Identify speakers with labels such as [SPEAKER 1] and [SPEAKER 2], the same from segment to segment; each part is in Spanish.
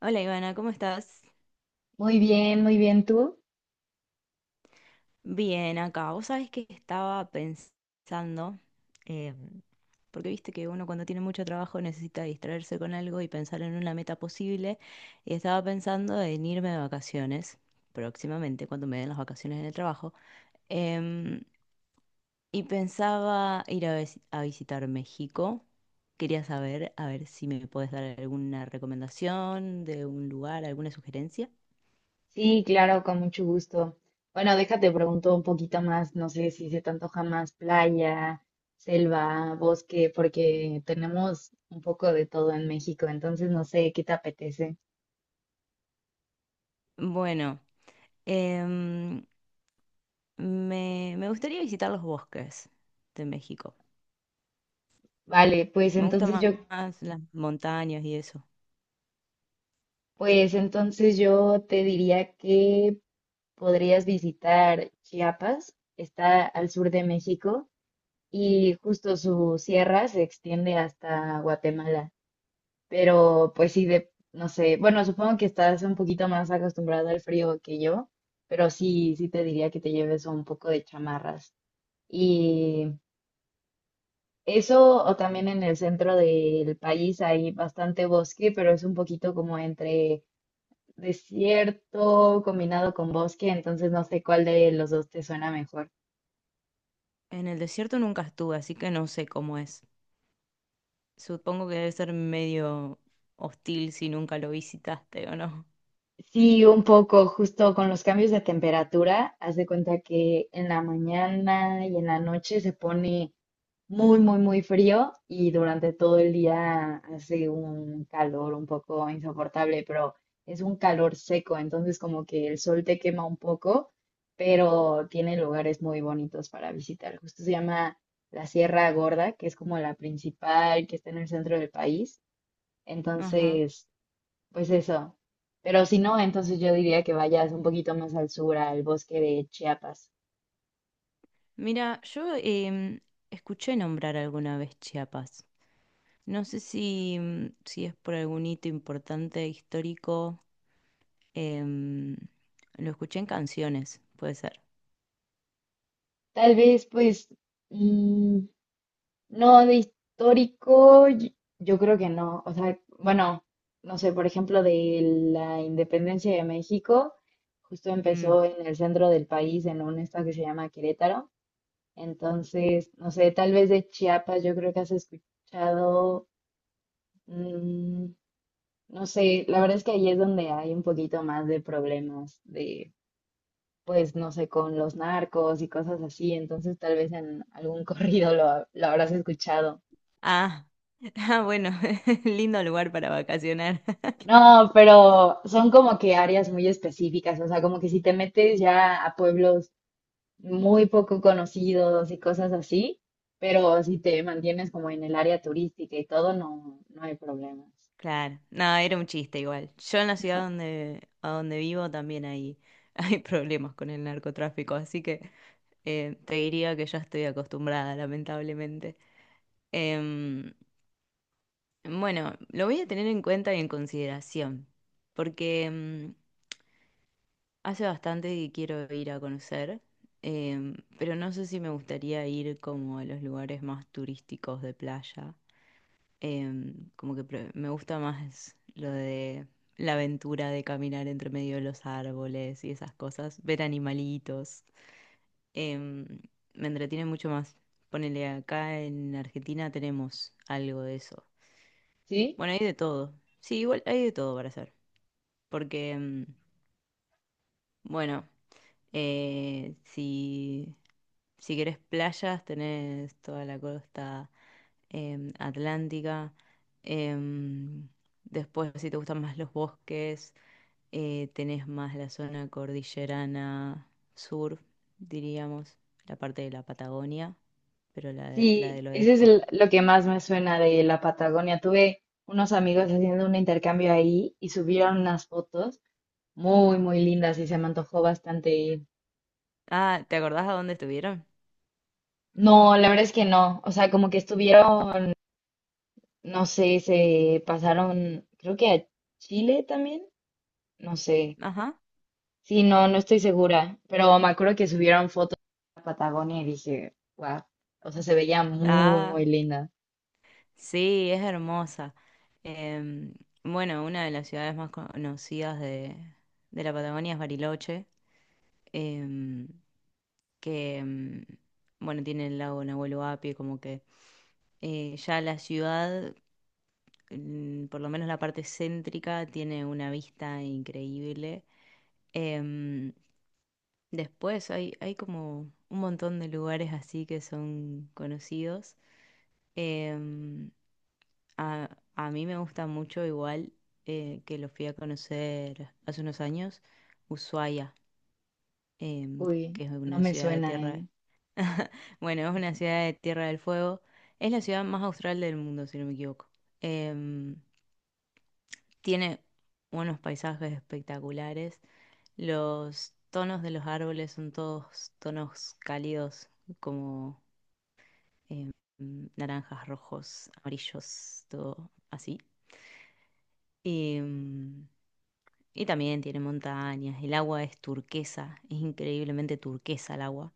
[SPEAKER 1] Hola Ivana, ¿cómo estás?
[SPEAKER 2] Muy bien, ¿tú?
[SPEAKER 1] Bien, acá. Vos sabés que estaba pensando, eh, porque viste que uno cuando tiene mucho trabajo necesita distraerse con algo y pensar en una meta posible, y estaba pensando en irme de vacaciones próximamente, cuando me den las vacaciones en el trabajo, em, y pensaba ir a visitar México. Quería saber, a ver si me puedes dar alguna recomendación de un lugar, alguna sugerencia.
[SPEAKER 2] Sí, claro, con mucho gusto. Bueno, déjate pregunto un poquito más, no sé si se te antoja más playa, selva, bosque, porque tenemos un poco de todo en México, entonces no sé qué te apetece.
[SPEAKER 1] Bueno. Em, me gustaría visitar los bosques de México.
[SPEAKER 2] Vale,
[SPEAKER 1] Me gustan más las montañas y eso.
[SPEAKER 2] pues entonces yo te diría que podrías visitar Chiapas, está al sur de México y justo su sierra se extiende hasta Guatemala. Pero pues sí, no sé, bueno, supongo que estás un poquito más acostumbrado al frío que yo, pero sí, sí te diría que te lleves un poco de chamarras. Y eso, o también en el centro del país hay bastante bosque, pero es un poquito como entre desierto combinado con bosque, entonces no sé cuál de los dos te suena mejor.
[SPEAKER 1] En el desierto nunca estuve, así que no sé cómo es. Supongo que debe ser medio hostil si nunca lo visitaste o no.
[SPEAKER 2] Sí, un poco, justo con los cambios de temperatura, haz de cuenta que en la mañana y en la noche se pone muy, muy, muy frío y durante todo el día hace un calor un poco insoportable, pero es un calor seco, entonces como que el sol te quema un poco, pero tiene lugares muy bonitos para visitar. Justo se llama la Sierra Gorda, que es como la principal que está en el centro del país.
[SPEAKER 1] Ajá.
[SPEAKER 2] Entonces, pues eso. Pero si no, entonces yo diría que vayas un poquito más al sur, al bosque de Chiapas.
[SPEAKER 1] Mira, yo escuché nombrar alguna vez Chiapas. No sé si, si es por algún hito importante histórico. em, lo escuché en canciones, puede ser.
[SPEAKER 2] Tal vez, pues, mm, No, de histórico, yo creo que no. O sea, bueno, no sé, por ejemplo, de la independencia de México, justo
[SPEAKER 1] Mm.
[SPEAKER 2] empezó en el centro del país, en un estado que se llama Querétaro. Entonces, no sé, tal vez de Chiapas, yo creo que has escuchado, mm, no sé, la verdad es que ahí es donde hay un poquito más de problemas de, pues, no sé, con los narcos y cosas así. Entonces, tal vez en algún corrido lo habrás escuchado.
[SPEAKER 1] Ah, ah, bueno, lindo lugar para vacacionar.
[SPEAKER 2] No, pero son como que áreas muy específicas, o sea, como que si te metes ya a pueblos muy poco conocidos y cosas así, pero si te mantienes como en el área turística y todo, no, no hay problemas.
[SPEAKER 1] Claro, no, era un chiste igual. Yo en la ciudad a donde vivo también hay, hay problemas con el narcotráfico, así que te diría que ya estoy acostumbrada, lamentablemente. Em, bueno, lo voy a tener en cuenta y en consideración, porque hace bastante que quiero ir a conocer, pero no sé si me gustaría ir como a los lugares más turísticos de playa. Me gusta más lo de la aventura de caminar entre medio de los árboles y esas cosas, ver animalitos. Em, Me entretiene mucho más. Ponele acá en Argentina tenemos algo de eso.
[SPEAKER 2] ¿Sí?
[SPEAKER 1] Bueno, hay de todo. Sí, igual hay de todo para hacer. Porque, bueno, eh, si, si querés playas, tenés toda la costa atlántica. Em, Después, si te gustan más los bosques. Tenés más la zona cordillerana sur, diríamos, la parte de la Patagonia, pero la
[SPEAKER 2] Sí,
[SPEAKER 1] del
[SPEAKER 2] ese es
[SPEAKER 1] oeste.
[SPEAKER 2] lo que más me suena de la Patagonia. Tuve unos amigos haciendo un intercambio ahí y subieron unas fotos muy, muy lindas y se me antojó bastante ir.
[SPEAKER 1] Ah, ¿te acordás a dónde estuvieron?
[SPEAKER 2] No, la verdad es que no, o sea, como que estuvieron. No sé, se pasaron, creo que a Chile también, no sé.
[SPEAKER 1] Ajá.
[SPEAKER 2] Sí, no, no estoy segura, pero me acuerdo que subieron fotos a Patagonia y dije, wow, o sea, se veía muy, muy
[SPEAKER 1] Ah,
[SPEAKER 2] linda.
[SPEAKER 1] sí, es hermosa. Em, bueno, una de las ciudades más conocidas de la Patagonia es Bariloche, em, que, em, bueno, tiene el lago Nahuel Huapi, como que ya la ciudad por lo menos la parte céntrica tiene una vista increíble. Em, Después hay como un montón de lugares así que son conocidos. Em, a, a mí me gusta mucho igual que lo fui a conocer hace unos años, Ushuaia, em,
[SPEAKER 2] Uy,
[SPEAKER 1] que es
[SPEAKER 2] no
[SPEAKER 1] una
[SPEAKER 2] me
[SPEAKER 1] ciudad de
[SPEAKER 2] suena, ¿eh?
[SPEAKER 1] tierra, bueno, es una ciudad de Tierra del Fuego, es la ciudad más austral del mundo, si no me equivoco. Em, Tiene unos paisajes espectaculares. Los tonos de los árboles son todos tonos cálidos, como em, naranjas, rojos, amarillos, todo así. Em, y también tiene montañas. El agua es turquesa, es increíblemente turquesa el agua.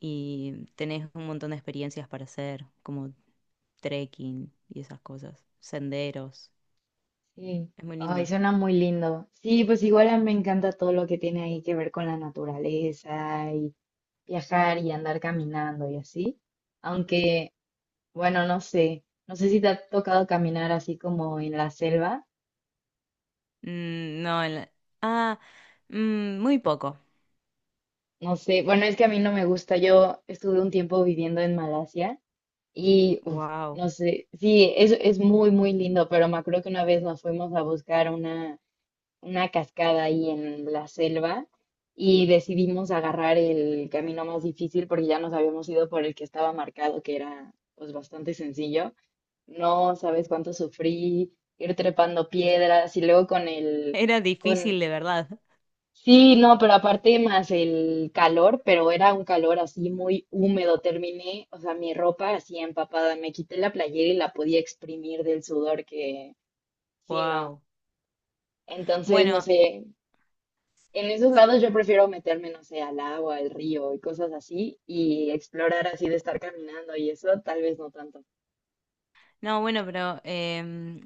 [SPEAKER 1] Y tenés un montón de experiencias para hacer, como trekking y esas cosas, senderos.
[SPEAKER 2] Sí,
[SPEAKER 1] Es muy
[SPEAKER 2] ay,
[SPEAKER 1] lindo.
[SPEAKER 2] suena muy lindo. Sí, pues igual a mí me encanta todo lo que tiene ahí que ver con la naturaleza y viajar y andar caminando y así. Aunque, bueno, no sé, no sé si te ha tocado caminar así como en la selva.
[SPEAKER 1] Mm, no, en la- ah, mm, muy poco.
[SPEAKER 2] No sé, bueno, es que a mí no me gusta. Yo estuve un tiempo viviendo en Malasia y, uf,
[SPEAKER 1] Wow,
[SPEAKER 2] no sé, sí, es muy, muy lindo, pero me acuerdo que una vez nos fuimos a buscar una cascada ahí en la selva y decidimos agarrar el camino más difícil porque ya nos habíamos ido por el que estaba marcado, que era pues bastante sencillo. No sabes cuánto sufrí, ir trepando piedras y luego con el...
[SPEAKER 1] era
[SPEAKER 2] con
[SPEAKER 1] difícil de verdad.
[SPEAKER 2] Sí, no, pero aparte más el calor, pero era un calor así muy húmedo. Terminé, o sea, mi ropa así empapada. Me quité la playera y la podía exprimir del sudor que, sí, no.
[SPEAKER 1] Wow.
[SPEAKER 2] Entonces, no
[SPEAKER 1] Bueno,
[SPEAKER 2] sé, en esos lados yo prefiero meterme, no sé, al agua, al río y cosas así y explorar así de estar caminando y eso, tal vez no tanto.
[SPEAKER 1] no, bueno, pero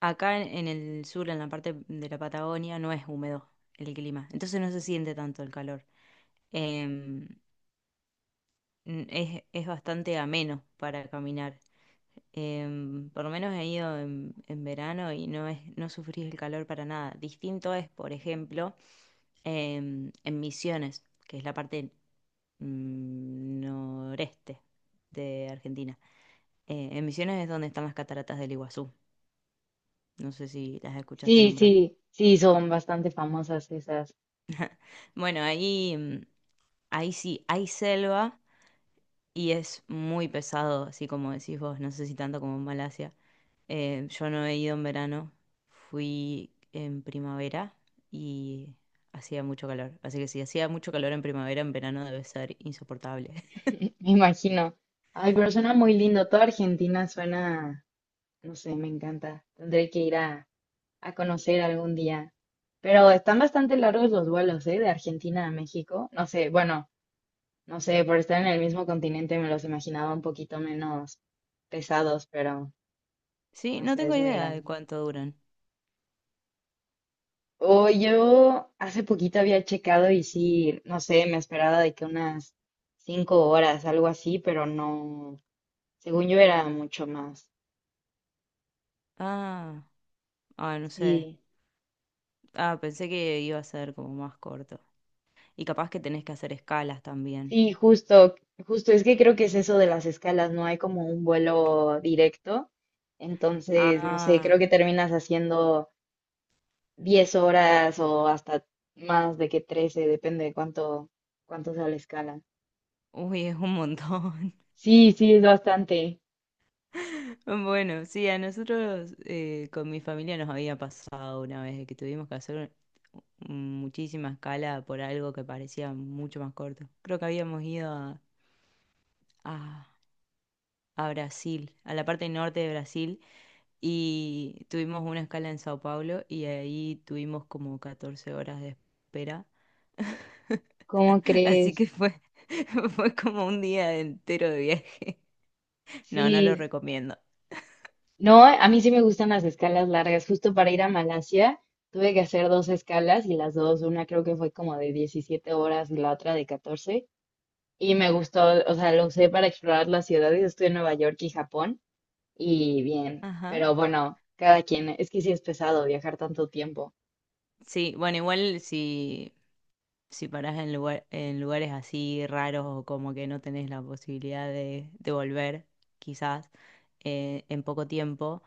[SPEAKER 1] acá en el sur, en la parte de la Patagonia, no es húmedo el clima, entonces no se siente tanto el calor. Em, es bastante ameno para caminar. Por lo menos he ido en verano y no es, no sufrís el calor para nada. Distinto es, por ejemplo, en Misiones, que es la parte noreste de Argentina. En Misiones es donde están las cataratas del Iguazú. No sé si las escuchaste
[SPEAKER 2] Sí,
[SPEAKER 1] nombrar.
[SPEAKER 2] sí, sí, son bastante famosas esas,
[SPEAKER 1] Bueno, ahí, mm, Ahí sí, hay selva y es muy pesado, así como decís vos, no sé si tanto como en Malasia. Yo no he ido en verano, fui en primavera y hacía mucho calor. Así que si hacía mucho calor en primavera, en verano debe ser insoportable.
[SPEAKER 2] me imagino. Ay, pero suena muy lindo. Toda Argentina suena, no sé, me encanta. Tendré que ir a conocer algún día. Pero están bastante largos los vuelos, ¿eh? De Argentina a México. No sé, bueno, no sé, por estar en el mismo continente me los imaginaba un poquito menos pesados, pero
[SPEAKER 1] Sí,
[SPEAKER 2] no
[SPEAKER 1] no
[SPEAKER 2] sé,
[SPEAKER 1] tengo
[SPEAKER 2] es muy
[SPEAKER 1] idea de
[SPEAKER 2] grande.
[SPEAKER 1] cuánto duran.
[SPEAKER 2] O yo hace poquito había checado y sí, no sé, me esperaba de que unas 5 horas, algo así, pero no, según yo era mucho más.
[SPEAKER 1] Ah, ah, no sé.
[SPEAKER 2] Sí.
[SPEAKER 1] Ah, pensé que iba a ser como más corto. Y capaz que tenés que hacer escalas también.
[SPEAKER 2] Sí, justo, es que creo que es eso de las escalas, no hay como un vuelo directo, entonces, no sé, creo que
[SPEAKER 1] Ah,
[SPEAKER 2] terminas haciendo 10 horas o hasta más de que 13, depende de cuánto sea la escala.
[SPEAKER 1] uy, es un montón.
[SPEAKER 2] Sí, sí, es bastante.
[SPEAKER 1] Bueno, sí, a nosotros con mi familia nos había pasado una vez de que tuvimos que hacer muchísima escala por algo que parecía mucho más corto. Creo que habíamos ido a, a Brasil, a la parte norte de Brasil, y tuvimos una escala en Sao Paulo y ahí tuvimos como 14 horas de espera.
[SPEAKER 2] ¿Cómo
[SPEAKER 1] Así
[SPEAKER 2] crees?
[SPEAKER 1] que fue como un día entero de viaje. No, no lo
[SPEAKER 2] Sí,
[SPEAKER 1] recomiendo.
[SPEAKER 2] no, a mí sí me gustan las escalas largas, justo para ir a Malasia tuve que hacer dos escalas y las dos, una creo que fue como de 17 horas y la otra de 14. Y me gustó, o sea, lo usé para explorar las ciudades. Estuve en Nueva York y Japón y bien,
[SPEAKER 1] Ajá.
[SPEAKER 2] pero bueno, cada quien, es que sí es pesado viajar tanto tiempo.
[SPEAKER 1] Sí, bueno, igual si, si parás en en lugares así raros o como que no tenés la posibilidad de volver, quizás, en poco tiempo,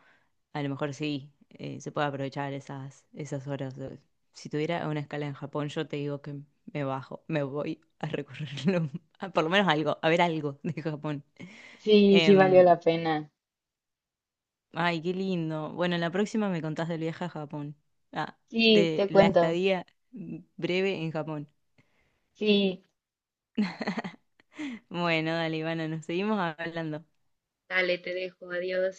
[SPEAKER 1] a lo mejor sí, se puede aprovechar esas horas. Si tuviera una escala en Japón, yo te digo que me bajo, me voy a recorrerlo, a por lo menos algo, a ver algo de Japón.
[SPEAKER 2] Sí, sí valió
[SPEAKER 1] Em,
[SPEAKER 2] la pena.
[SPEAKER 1] Ay, qué lindo. Bueno, en la próxima me contás del viaje a Japón. Ah,
[SPEAKER 2] Sí,
[SPEAKER 1] de
[SPEAKER 2] te
[SPEAKER 1] la
[SPEAKER 2] cuento.
[SPEAKER 1] estadía breve en Japón.
[SPEAKER 2] Sí.
[SPEAKER 1] Bueno, dale, Ivana, nos seguimos hablando.
[SPEAKER 2] Dale, te dejo. Adiós.